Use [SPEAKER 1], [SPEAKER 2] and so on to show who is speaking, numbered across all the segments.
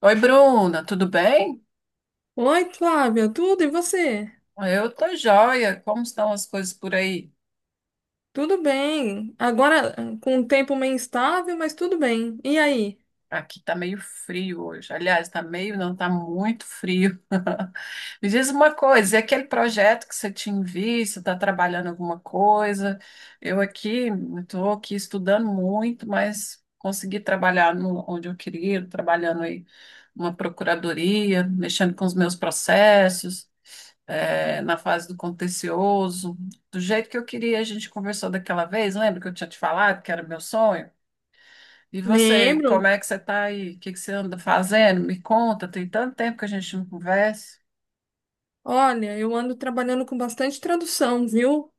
[SPEAKER 1] Oi, Bruna, tudo bem?
[SPEAKER 2] Oi, Flávia, tudo e você?
[SPEAKER 1] Eu tô joia. Como estão as coisas por aí?
[SPEAKER 2] Tudo bem. Agora com um tempo meio instável, mas tudo bem. E aí?
[SPEAKER 1] Aqui tá meio frio hoje. Aliás, tá meio, não, tá muito frio. Me diz uma coisa, e aquele projeto que você tinha visto, está trabalhando alguma coisa? Eu aqui, estou aqui estudando muito, mas consegui trabalhar no, onde eu queria, trabalhando aí numa procuradoria, mexendo com os meus processos. É, na fase do contencioso, do jeito que eu queria. A gente conversou daquela vez, lembra que eu tinha te falado que era meu sonho? E você, como
[SPEAKER 2] Lembro.
[SPEAKER 1] é que você está aí? O que que você anda fazendo? Me conta, tem tanto tempo que a gente não conversa.
[SPEAKER 2] Olha, eu ando trabalhando com bastante tradução, viu?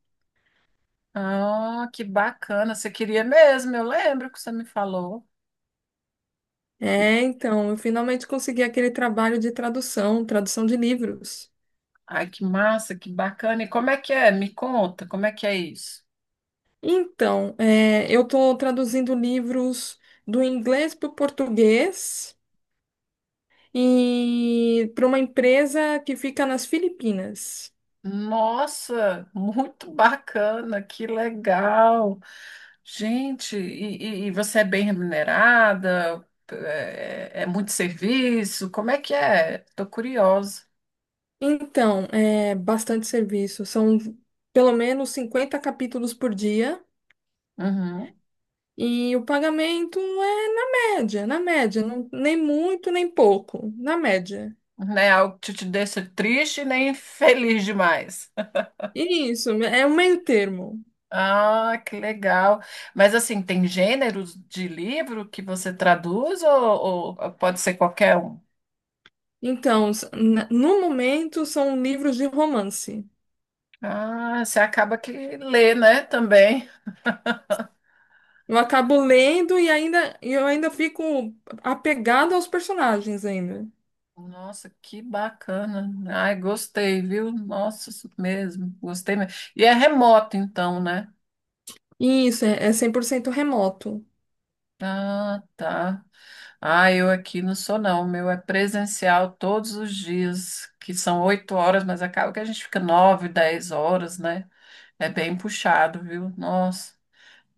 [SPEAKER 1] Ah, que bacana, você queria mesmo, eu lembro que você me falou. E-
[SPEAKER 2] É, então, eu finalmente consegui aquele trabalho de tradução, tradução de livros.
[SPEAKER 1] Ai, que massa, que bacana. E como é que é? Me conta, como é que é isso?
[SPEAKER 2] Então, é, eu estou traduzindo livros do inglês para o português e para uma empresa que fica nas Filipinas.
[SPEAKER 1] Nossa, muito bacana, que legal. Gente, e você é bem remunerada? É, é muito serviço? Como é que é? Tô curiosa.
[SPEAKER 2] Então, é bastante serviço. São pelo menos 50 capítulos por dia
[SPEAKER 1] Uhum.
[SPEAKER 2] e o pagamento é na média, nem muito nem pouco, na média.
[SPEAKER 1] Não é algo que te deixa triste nem feliz demais.
[SPEAKER 2] E isso, é um meio termo.
[SPEAKER 1] Ah, que legal. Mas assim, tem gêneros de livro que você traduz ou pode ser qualquer um?
[SPEAKER 2] Então, no momento são livros de romance.
[SPEAKER 1] Ah, você acaba que lê, né, também.
[SPEAKER 2] Eu acabo lendo e eu ainda fico apegado aos personagens ainda.
[SPEAKER 1] Nossa, que bacana. Ai, gostei, viu? Nossa, isso mesmo, gostei mesmo. E é remoto, então, né?
[SPEAKER 2] E isso, é 100% remoto.
[SPEAKER 1] Ah, tá. Ah, eu aqui não sou, não. O meu é presencial todos os dias, que são 8 horas, mas acaba que a gente fica 9, 10 horas, né? É bem puxado, viu? Nossa,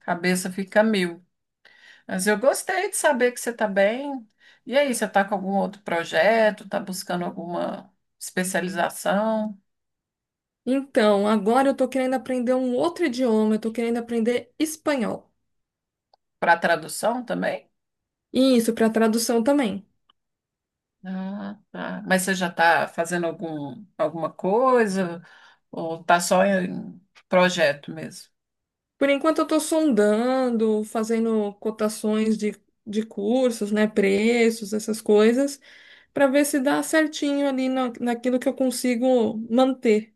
[SPEAKER 1] cabeça fica mil. Mas eu gostei de saber que você tá bem. E aí, você tá com algum outro projeto? Tá buscando alguma especialização
[SPEAKER 2] Então, agora eu tô querendo aprender um outro idioma, eu tô querendo aprender espanhol.
[SPEAKER 1] para tradução também?
[SPEAKER 2] E isso, para tradução também.
[SPEAKER 1] Ah, tá. Mas você já está fazendo alguma coisa ou está só em projeto mesmo?
[SPEAKER 2] Por enquanto eu tô sondando, fazendo cotações de cursos, né, preços, essas coisas, para ver se dá certinho ali naquilo que eu consigo manter.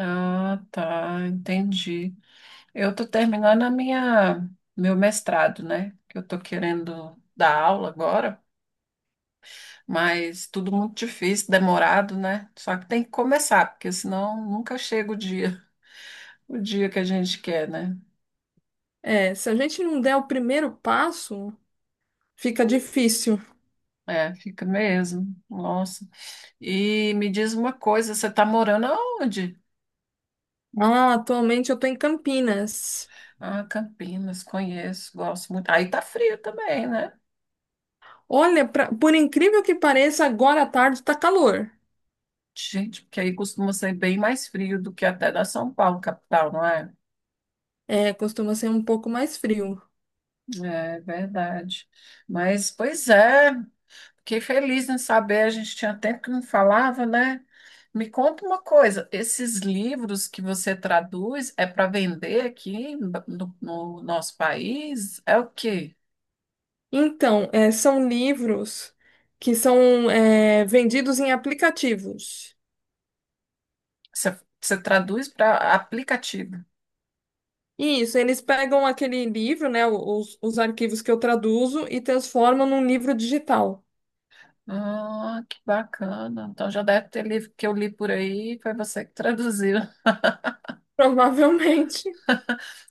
[SPEAKER 1] Ah, tá, entendi. Eu estou terminando a minha meu mestrado, né? Que eu estou querendo dar aula agora, mas tudo muito difícil, demorado, né? Só que tem que começar, porque senão nunca chega o dia que a gente quer, né?
[SPEAKER 2] É, se a gente não der o primeiro passo, fica difícil.
[SPEAKER 1] É, fica mesmo. Nossa. E me diz uma coisa, você está morando aonde?
[SPEAKER 2] Ah, atualmente eu tô em Campinas.
[SPEAKER 1] Ah, Campinas, conheço, gosto muito. Aí tá frio também, né?
[SPEAKER 2] Olha, por incrível que pareça, agora à tarde tá calor.
[SPEAKER 1] Gente, porque aí costuma ser bem mais frio do que até da São Paulo, capital, não é?
[SPEAKER 2] É, costuma ser um pouco mais frio.
[SPEAKER 1] É verdade. Mas, pois é, fiquei feliz em saber, a gente tinha tempo que não falava, né? Me conta uma coisa, esses livros que você traduz é para vender aqui no nosso país? É o quê?
[SPEAKER 2] Então, é, são livros que são vendidos em aplicativos.
[SPEAKER 1] Você, você traduz para aplicativo?
[SPEAKER 2] Isso, eles pegam aquele livro, né, os arquivos que eu traduzo e transformam num livro digital.
[SPEAKER 1] Ah, que bacana. Então já deve ter livro que eu li por aí, foi você que traduziu.
[SPEAKER 2] Provavelmente.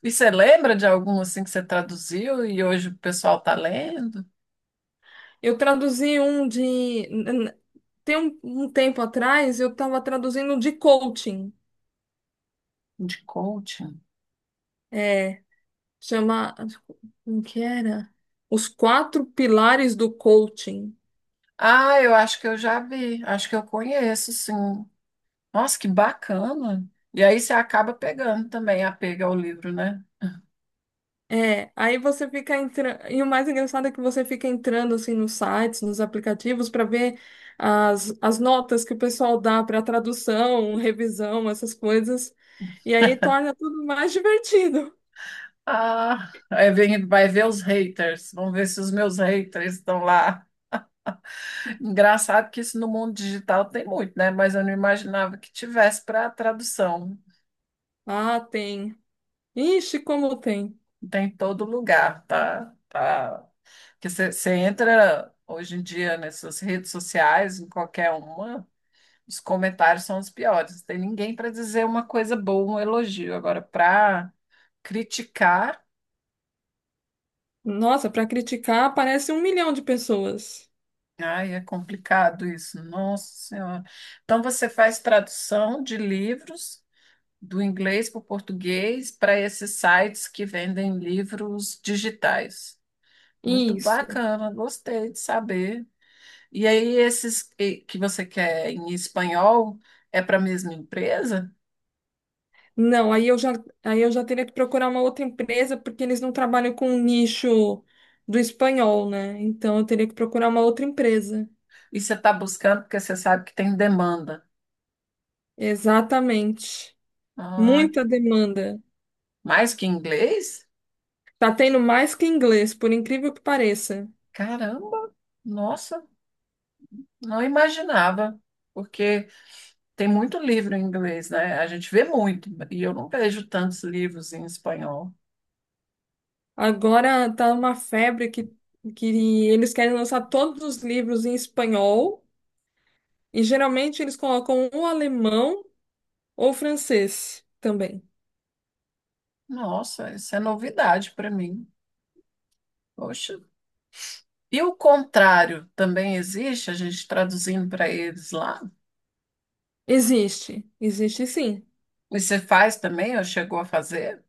[SPEAKER 1] E você lembra de algum assim que você traduziu e hoje o pessoal está lendo?
[SPEAKER 2] Eu traduzi um de. N- n- Tem um tempo atrás, eu estava traduzindo de coaching.
[SPEAKER 1] De coaching?
[SPEAKER 2] É, chama. Como que era? Os quatro pilares do coaching.
[SPEAKER 1] Ah, eu acho que eu já vi, acho que eu conheço, sim. Nossa, que bacana. E aí você acaba pegando também apego ao livro, né?
[SPEAKER 2] É, aí você fica entrando. E o mais engraçado é que você fica entrando assim nos sites, nos aplicativos, para ver as notas que o pessoal dá para tradução, revisão, essas coisas. E aí torna tudo mais divertido.
[SPEAKER 1] Ah, aí vem, vai ver os haters. Vamos ver se os meus haters estão lá. Engraçado que isso no mundo digital tem muito, né? Mas eu não imaginava que tivesse para tradução.
[SPEAKER 2] Ah, tem. Ixi, como tem.
[SPEAKER 1] Tem em todo lugar, tá? Tá. Que você entra hoje em dia nessas redes sociais, em qualquer uma, os comentários são os piores. Não tem ninguém para dizer uma coisa boa, um elogio. Agora, para criticar,
[SPEAKER 2] Nossa, para criticar aparece 1 milhão de pessoas.
[SPEAKER 1] ai, é complicado isso. Nossa Senhora. Então, você faz tradução de livros do inglês para o português para esses sites que vendem livros digitais. Muito
[SPEAKER 2] Isso.
[SPEAKER 1] bacana, gostei de saber. E aí, esses que você quer em espanhol é para a mesma empresa?
[SPEAKER 2] Não, aí eu já teria que procurar uma outra empresa, porque eles não trabalham com o nicho do espanhol, né? Então eu teria que procurar uma outra empresa.
[SPEAKER 1] E você está buscando porque você sabe que tem demanda.
[SPEAKER 2] Exatamente.
[SPEAKER 1] Ah,
[SPEAKER 2] Muita demanda.
[SPEAKER 1] mais que inglês?
[SPEAKER 2] Tá tendo mais que inglês, por incrível que pareça.
[SPEAKER 1] Caramba! Nossa, não imaginava. Porque tem muito livro em inglês, né? A gente vê muito, e eu não vejo tantos livros em espanhol.
[SPEAKER 2] Agora tá uma febre que eles querem lançar todos os livros em espanhol e geralmente eles colocam ou alemão ou francês também.
[SPEAKER 1] Nossa, isso é novidade para mim. Poxa. E o contrário também existe, a gente traduzindo para eles lá.
[SPEAKER 2] Existe, existe sim.
[SPEAKER 1] E você faz também, ou chegou a fazer?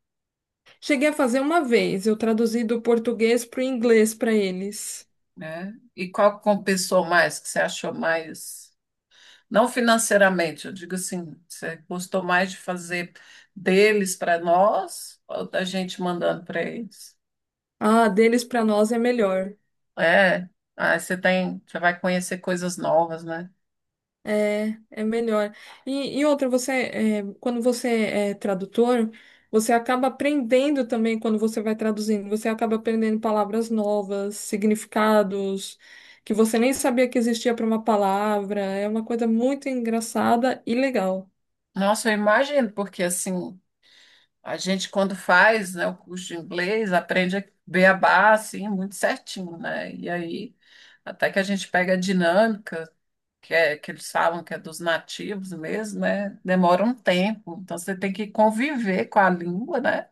[SPEAKER 2] Cheguei a fazer uma vez, eu traduzi do português para o inglês para eles.
[SPEAKER 1] Né? E qual que compensou mais, que você achou mais, não financeiramente, eu digo assim, você gostou mais de fazer deles para nós ou da gente mandando para eles?
[SPEAKER 2] Ah, deles para nós é melhor.
[SPEAKER 1] É, aí você tem, você vai conhecer coisas novas, né?
[SPEAKER 2] É melhor. E outra, quando você é tradutor, você acaba aprendendo também quando você vai traduzindo. Você acaba aprendendo palavras novas, significados que você nem sabia que existia para uma palavra. É uma coisa muito engraçada e legal.
[SPEAKER 1] Nossa, eu imagino, porque assim, a gente quando faz, né, o curso de inglês, aprende a beabá, assim, muito certinho, né? E aí, até que a gente pega a dinâmica, que, é, que eles falam que é dos nativos mesmo, né? Demora um tempo. Então você tem que conviver com a língua, né?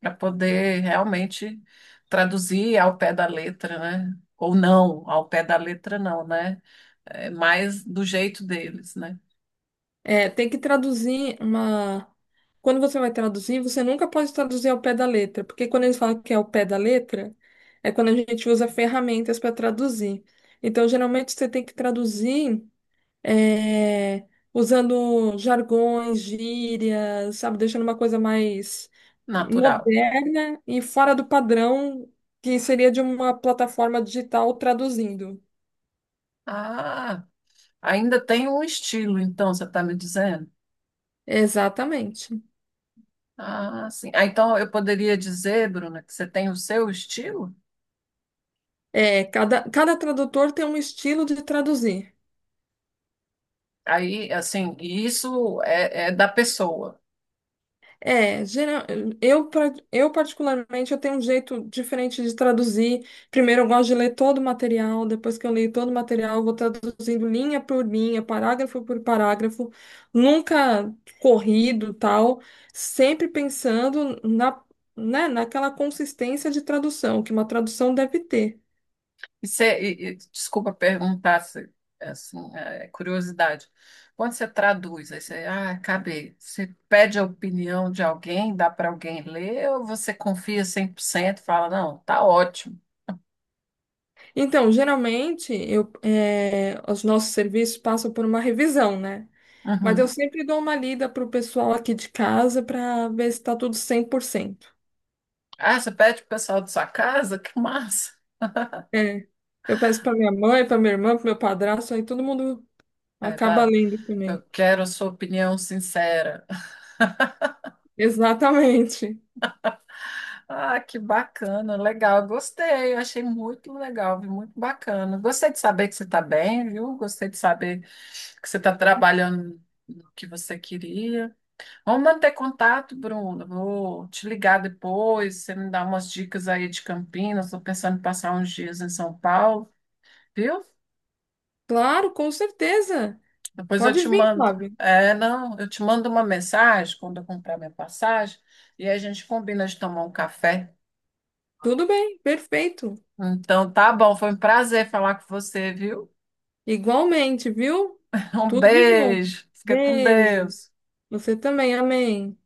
[SPEAKER 1] Para poder realmente traduzir ao pé da letra, né? Ou não, ao pé da letra não, né? É mais do jeito deles, né?
[SPEAKER 2] É, tem que traduzir uma. Quando você vai traduzir, você nunca pode traduzir ao pé da letra, porque quando eles falam que é ao pé da letra, é quando a gente usa ferramentas para traduzir. Então, geralmente, você tem que traduzir. é, usando jargões, gírias, sabe? Deixando uma coisa mais
[SPEAKER 1] Natural.
[SPEAKER 2] moderna e fora do padrão que seria de uma plataforma digital traduzindo.
[SPEAKER 1] Ah, ainda tem um estilo, então, você está me dizendo?
[SPEAKER 2] Exatamente.
[SPEAKER 1] Ah, sim. Ah, então eu poderia dizer, Bruna, que você tem o seu estilo?
[SPEAKER 2] É, cada tradutor tem um estilo de traduzir.
[SPEAKER 1] Aí, assim, e isso é da pessoa.
[SPEAKER 2] É, eu particularmente, eu tenho um jeito diferente de traduzir. Primeiro, eu gosto de ler todo o material, depois que eu leio todo o material, eu vou traduzindo linha por linha, parágrafo por parágrafo, nunca corrido, tal, sempre pensando né, naquela consistência de tradução, que uma tradução deve ter.
[SPEAKER 1] E você, desculpa perguntar, assim, é curiosidade. Quando você traduz, aí você, ah, acabei. Você pede a opinião de alguém, dá para alguém ler, ou você confia 100% e fala, não, tá ótimo.
[SPEAKER 2] Então, geralmente, os nossos serviços passam por uma revisão, né? Mas eu
[SPEAKER 1] Uhum.
[SPEAKER 2] sempre dou uma lida pro pessoal aqui de casa para ver se tá tudo 100%.
[SPEAKER 1] Ah, você pede pro pessoal da sua casa? Que massa.
[SPEAKER 2] É. Eu peço para minha mãe, para minha irmã, para meu padrasto, aí todo mundo
[SPEAKER 1] Aí
[SPEAKER 2] acaba
[SPEAKER 1] fala,
[SPEAKER 2] lendo
[SPEAKER 1] eu
[SPEAKER 2] também.
[SPEAKER 1] quero a sua opinião sincera.
[SPEAKER 2] Exatamente.
[SPEAKER 1] Ah, que bacana, legal, gostei, eu achei muito legal, viu? Muito bacana. Gostei de saber que você está bem, viu? Gostei de saber que você está trabalhando no que você queria. Vamos manter contato, Bruno. Vou te ligar depois, você me dá umas dicas aí de Campinas. Estou pensando em passar uns dias em São Paulo, viu?
[SPEAKER 2] Claro, com certeza.
[SPEAKER 1] Depois eu
[SPEAKER 2] Pode
[SPEAKER 1] te
[SPEAKER 2] vir,
[SPEAKER 1] mando.
[SPEAKER 2] Flávio.
[SPEAKER 1] É, não, eu te mando uma mensagem quando eu comprar minha passagem e aí a gente combina de tomar um café.
[SPEAKER 2] Tudo bem, perfeito.
[SPEAKER 1] Então, tá bom. Foi um prazer falar com você, viu?
[SPEAKER 2] Igualmente, viu?
[SPEAKER 1] Um
[SPEAKER 2] Tudo de bom.
[SPEAKER 1] beijo. Fica com
[SPEAKER 2] Beijo.
[SPEAKER 1] Deus.
[SPEAKER 2] Você também, amém.